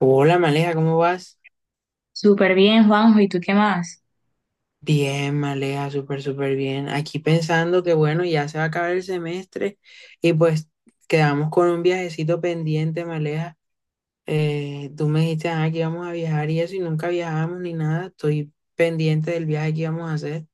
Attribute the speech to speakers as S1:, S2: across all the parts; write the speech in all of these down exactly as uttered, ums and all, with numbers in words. S1: Hola, Maleja, ¿cómo vas?
S2: Súper bien, Juanjo, ¿y tú qué más?
S1: Bien, Maleja, súper, súper bien. Aquí pensando que bueno, ya se va a acabar el semestre y pues quedamos con un viajecito pendiente, Maleja. Eh, tú me dijiste, ah, que íbamos a viajar y eso y nunca viajamos ni nada. Estoy pendiente del viaje que íbamos a hacer.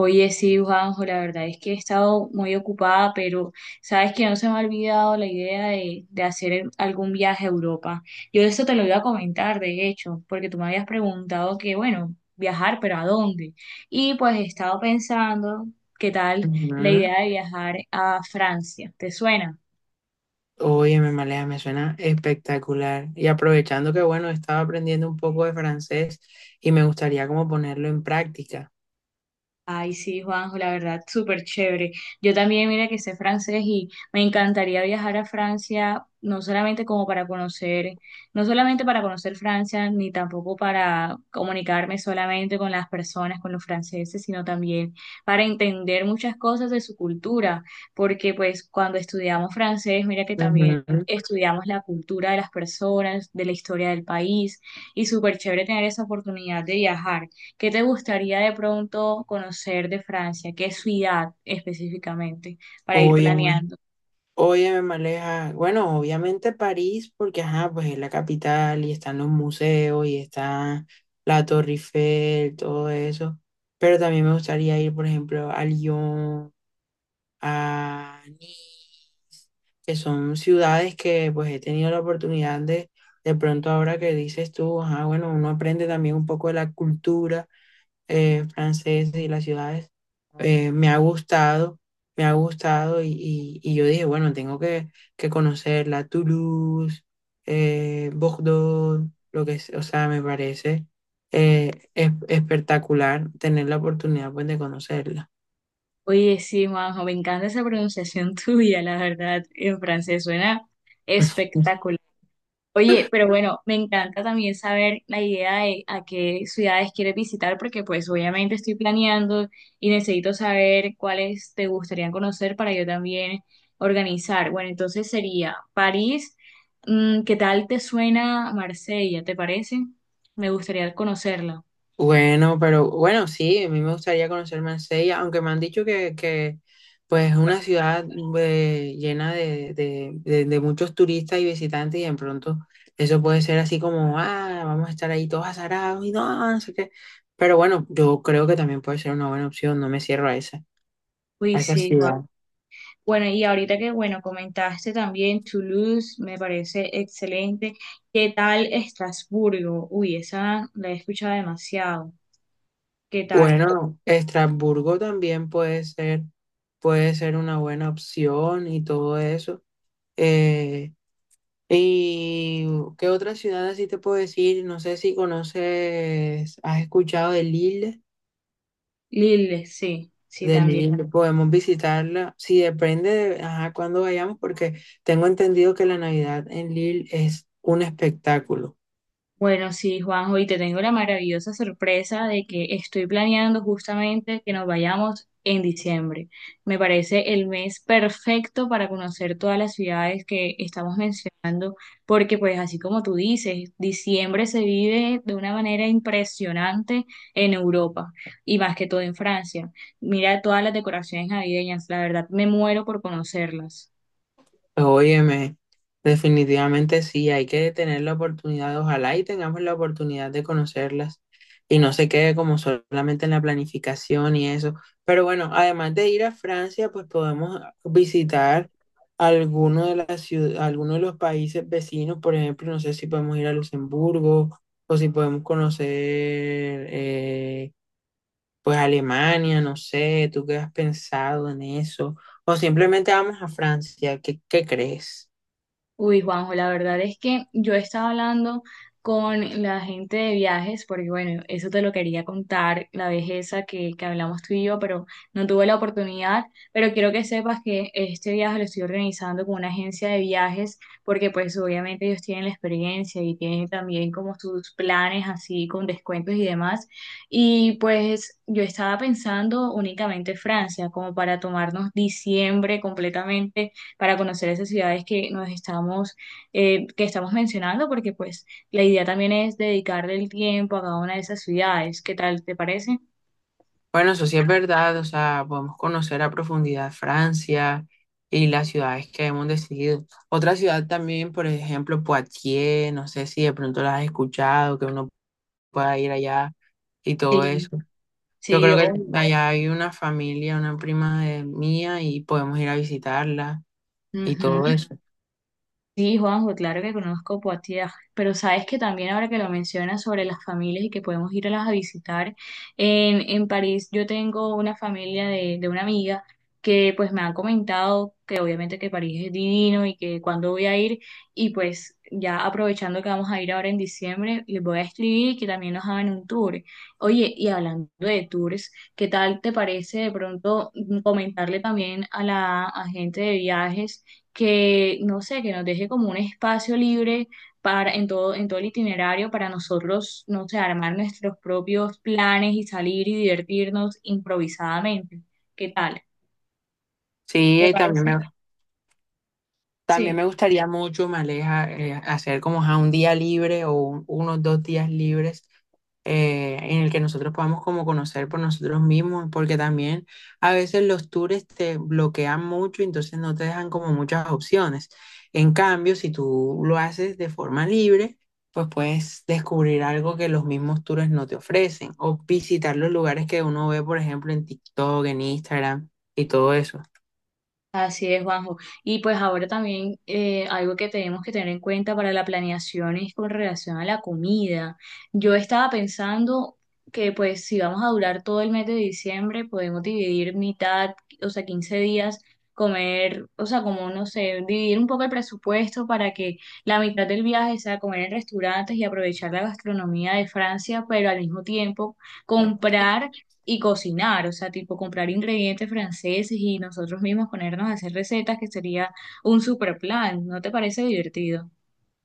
S2: Oye, sí, Juanjo, la verdad es que he estado muy ocupada, pero sabes que no se me ha olvidado la idea de, de hacer algún viaje a Europa. Yo eso te lo iba a comentar, de hecho, porque tú me habías preguntado que, bueno, viajar, pero ¿a dónde? Y pues he estado pensando, ¿qué tal la
S1: Ujú.
S2: idea de viajar a Francia? ¿Te suena?
S1: Óyeme, Maleja, me suena espectacular. Y aprovechando que bueno, estaba aprendiendo un poco de francés y me gustaría como ponerlo en práctica.
S2: Ay, sí, Juanjo, la verdad, súper chévere. Yo también, mira que sé francés y me encantaría viajar a Francia, no solamente como para conocer, no solamente para conocer Francia, ni tampoco para comunicarme solamente con las personas, con los franceses, sino también para entender muchas cosas de su cultura, porque pues cuando estudiamos francés, mira que también estudiamos la cultura de las personas, de la historia del país, y súper chévere tener esa oportunidad de viajar. ¿Qué te gustaría de pronto conocer de Francia? ¿Qué ciudad específicamente para ir
S1: Oye,
S2: planeando?
S1: Oye, Maleja, bueno, obviamente París, porque ajá, pues es la capital y están los museos y está la Torre Eiffel, todo eso. Pero también me gustaría ir, por ejemplo, a Lyon, a Nice, que son ciudades que pues he tenido la oportunidad de, de pronto ahora que dices tú, ajá, bueno, uno aprende también un poco de la cultura eh, franceses y las ciudades, eh, me ha gustado, me ha gustado y, y- y yo dije, bueno, tengo que, que conocer la Toulouse, eh, Bordeaux, lo que es, o sea, me parece eh, es- espectacular tener la oportunidad pues, de conocerla.
S2: Oye, sí, Majo, me encanta esa pronunciación tuya, la verdad, en francés suena espectacular. Oye, pero bueno, me encanta también saber la idea de a qué ciudades quieres visitar, porque pues obviamente estoy planeando y necesito saber cuáles te gustaría conocer para yo también organizar. Bueno, entonces sería París. Mm, ¿qué tal te suena Marsella? ¿Te parece? Me gustaría conocerla.
S1: Bueno, pero bueno, sí, a mí me gustaría conocer Marsella, aunque me han dicho que, que pues es una ciudad eh, llena de, de- de- de muchos turistas y visitantes y de pronto eso puede ser así como, ah, vamos a estar ahí todos azarados y no, no sé qué. Pero bueno, yo creo que también puede ser una buena opción, no me cierro a esa, a
S2: Uy,
S1: esa
S2: sí, Juan.
S1: ciudad.
S2: Bueno, y ahorita que, bueno, comentaste también Toulouse, me parece excelente. ¿Qué tal Estrasburgo? Uy, esa la he escuchado demasiado. ¿Qué tal?
S1: Bueno, Estrasburgo también puede ser, puede ser una buena opción y todo eso. Eh, ¿Y qué otra ciudad así te puedo decir? No sé si conoces, has escuchado de Lille.
S2: Lil, sí, sí,
S1: De
S2: también.
S1: Lille podemos visitarla. Sí, depende de ajá, cuándo vayamos, porque tengo entendido que la Navidad en Lille es un espectáculo.
S2: Bueno, sí, Juanjo, y te tengo la maravillosa sorpresa de que estoy planeando justamente que nos vayamos en diciembre. Me parece el mes perfecto para conocer todas las ciudades que estamos mencionando, porque pues así como tú dices, diciembre se vive de una manera impresionante en Europa y más que todo en Francia. Mira todas las decoraciones navideñas, la verdad me muero por conocerlas.
S1: Pues, óyeme, definitivamente sí, hay que tener la oportunidad, ojalá y tengamos la oportunidad de conocerlas y no se quede como solamente en la planificación y eso. Pero bueno, además de ir a Francia, pues podemos visitar alguno de las ciu- alguno de los países vecinos, por ejemplo, no sé si podemos ir a Luxemburgo o si podemos conocer eh, pues Alemania, no sé, ¿tú qué has pensado en eso? O simplemente vamos a Francia, ¿qué, ¿qué crees?
S2: Uy, Juanjo, la verdad es que yo estaba hablando con la gente de viajes, porque bueno, eso te lo quería contar, la vez esa que, que hablamos tú y yo, pero no tuve la oportunidad, pero quiero que sepas que este viaje lo estoy organizando con una agencia de viajes, porque pues obviamente ellos tienen la experiencia y tienen también como sus planes así con descuentos y demás, y pues yo estaba pensando únicamente Francia, como para tomarnos diciembre completamente para conocer esas ciudades que nos estamos, eh, que estamos mencionando, porque pues la idea también es dedicarle el tiempo a cada una de esas ciudades. ¿Qué tal te parece?
S1: Bueno, eso sí es verdad, o sea, podemos conocer a profundidad Francia y las ciudades que hemos decidido. Otra ciudad también, por ejemplo, Poitiers, no sé si de pronto las has escuchado, que uno pueda ir allá y todo
S2: Sí,
S1: eso. Yo
S2: sí,
S1: creo que
S2: obvio.
S1: allá hay una familia, una prima de mía y podemos ir a visitarla y
S2: Ujú.
S1: todo eso.
S2: Sí, Juanjo, claro que conozco Poitiers, pero sabes que también ahora que lo mencionas sobre las familias y que podemos ir a las a visitar, en, en París yo tengo una familia de, de una amiga que pues me han comentado que obviamente que París es divino y que cuando voy a ir y pues ya aprovechando que vamos a ir ahora en diciembre, les voy a escribir y que también nos hagan un tour. Oye, y hablando de tours, ¿qué tal te parece de pronto mm, comentarle también a la a gente de viajes? Que, no sé, que nos deje como un espacio libre para, en todo, en todo el itinerario para nosotros, no sé, armar nuestros propios planes y salir y divertirnos improvisadamente. ¿Qué tal?
S1: Sí,
S2: ¿Te
S1: y también
S2: parece?
S1: me, También
S2: Sí.
S1: me gustaría mucho, me aleja, eh, hacer como ajá, un día libre o un- unos dos días libres eh, en el que nosotros podamos como conocer por nosotros mismos, porque también a veces los tours te bloquean mucho, entonces no te dejan como muchas opciones. En cambio, si tú lo haces de forma libre, pues puedes descubrir algo que los mismos tours no te ofrecen o visitar los lugares que uno ve, por ejemplo, en TikTok, en Instagram y todo eso.
S2: Así es, Juanjo. Y pues ahora también eh, algo que tenemos que tener en cuenta para la planeación es con relación a la comida. Yo estaba pensando que pues si vamos a durar todo el mes de diciembre, podemos dividir mitad, o sea, quince días, comer, o sea, como no sé, dividir un poco el presupuesto para que la mitad del viaje sea comer en restaurantes y aprovechar la gastronomía de Francia, pero al mismo tiempo comprar y cocinar, o sea, tipo comprar ingredientes franceses y nosotros mismos ponernos a hacer recetas, que sería un super plan, ¿no te parece divertido?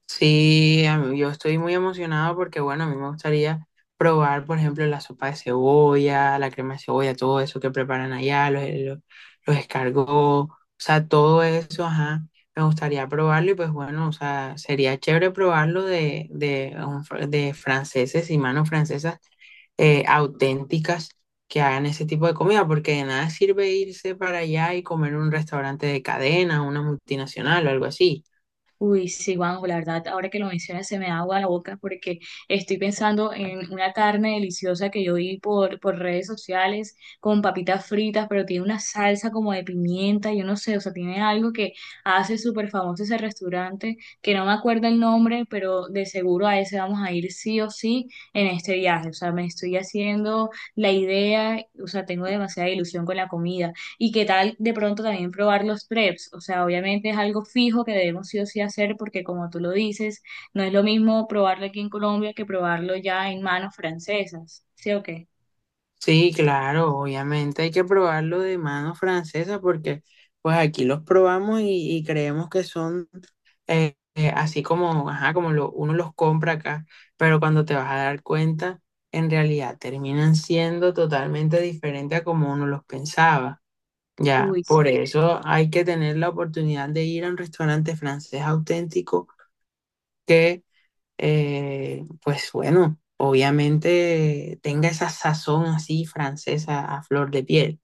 S1: Sí, a mí- yo estoy muy emocionado porque, bueno, a mí me gustaría probar, por ejemplo, la sopa de cebolla, la crema de cebolla, todo eso que preparan allá, los, los, los escargots, o sea, todo eso, ajá, me gustaría probarlo y pues bueno, o sea, sería chévere probarlo de, de, un fr- de franceses y manos francesas eh, auténticas que hagan ese tipo de comida, porque de nada sirve irse para allá y comer en un restaurante de cadena, una multinacional o algo así.
S2: Uy, sí, Juanjo, la verdad, ahora que lo mencionas se me da agua la boca porque estoy pensando en una carne deliciosa que yo vi por, por redes sociales con papitas fritas, pero tiene una salsa como de pimienta, yo no sé, o sea, tiene algo que hace súper famoso ese restaurante, que no me acuerdo el nombre, pero de seguro a ese vamos a ir sí o sí en este viaje, o sea, me estoy haciendo la idea, o sea, tengo demasiada ilusión con la comida. Y qué tal de pronto también probar los preps. O sea, obviamente es algo fijo que debemos sí o sí hacer porque como tú lo dices, no es lo mismo probarlo aquí en Colombia que probarlo ya en manos francesas. ¿Sí o qué?
S1: Sí, claro, obviamente hay que probarlo de mano francesa porque pues aquí los probamos y, y creemos que son eh, eh, así como, ajá, como lo- uno los compra acá, pero cuando te vas a dar cuenta, en realidad terminan siendo totalmente diferentes a como uno los pensaba. Ya,
S2: Uy,
S1: por eso hay que tener la oportunidad de ir a un restaurante francés auténtico que eh, pues bueno, obviamente tenga esa sazón así francesa a flor de piel.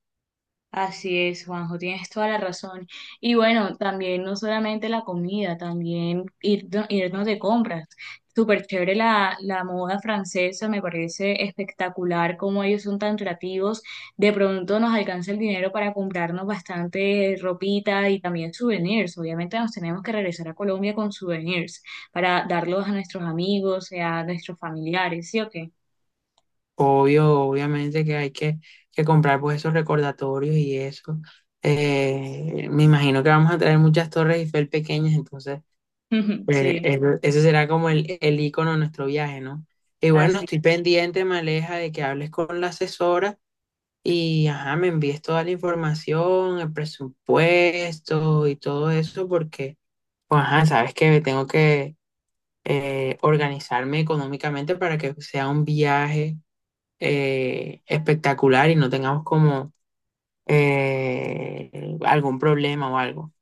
S2: así es, Juanjo, tienes toda la razón. Y bueno, también no solamente la comida, también ir- irnos de compras. Súper chévere la, la moda francesa, me parece espectacular cómo ellos son tan creativos. De pronto nos alcanza el dinero para comprarnos bastante ropita y también souvenirs. Obviamente nos tenemos que regresar a Colombia con souvenirs para darlos a nuestros amigos, eh, a nuestros familiares, ¿sí o qué?
S1: Obvio, obviamente que hay que, que comprar pues esos recordatorios y eso. Eh, me imagino que vamos a traer muchas torres Eiffel pequeñas, entonces eh,
S2: Sí,
S1: el- ese será como el, el icono de nuestro viaje, ¿no? Y bueno,
S2: así.
S1: estoy pendiente, Maleja, de que hables con la asesora y ajá, me envíes toda la información, el presupuesto y todo eso, porque pues, ajá, sabes que tengo que eh, organizarme económicamente para que sea un viaje eh, espectacular y no tengamos como eh, algún problema o algo.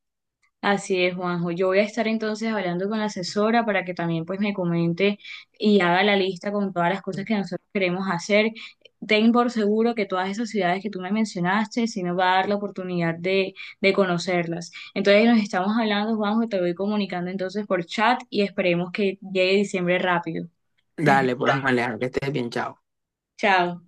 S2: Así es, Juanjo. Yo voy a estar entonces hablando con la asesora para que también pues me comente y haga la lista con todas las cosas que nosotros queremos hacer. Ten por seguro que todas esas ciudades que tú me mencionaste sí nos va a dar la oportunidad de, de conocerlas. Entonces nos estamos hablando, Juanjo, te voy comunicando entonces por chat y esperemos que llegue diciembre rápido.
S1: Dale, pues, Malejo, que estés bien, chao.
S2: Chao.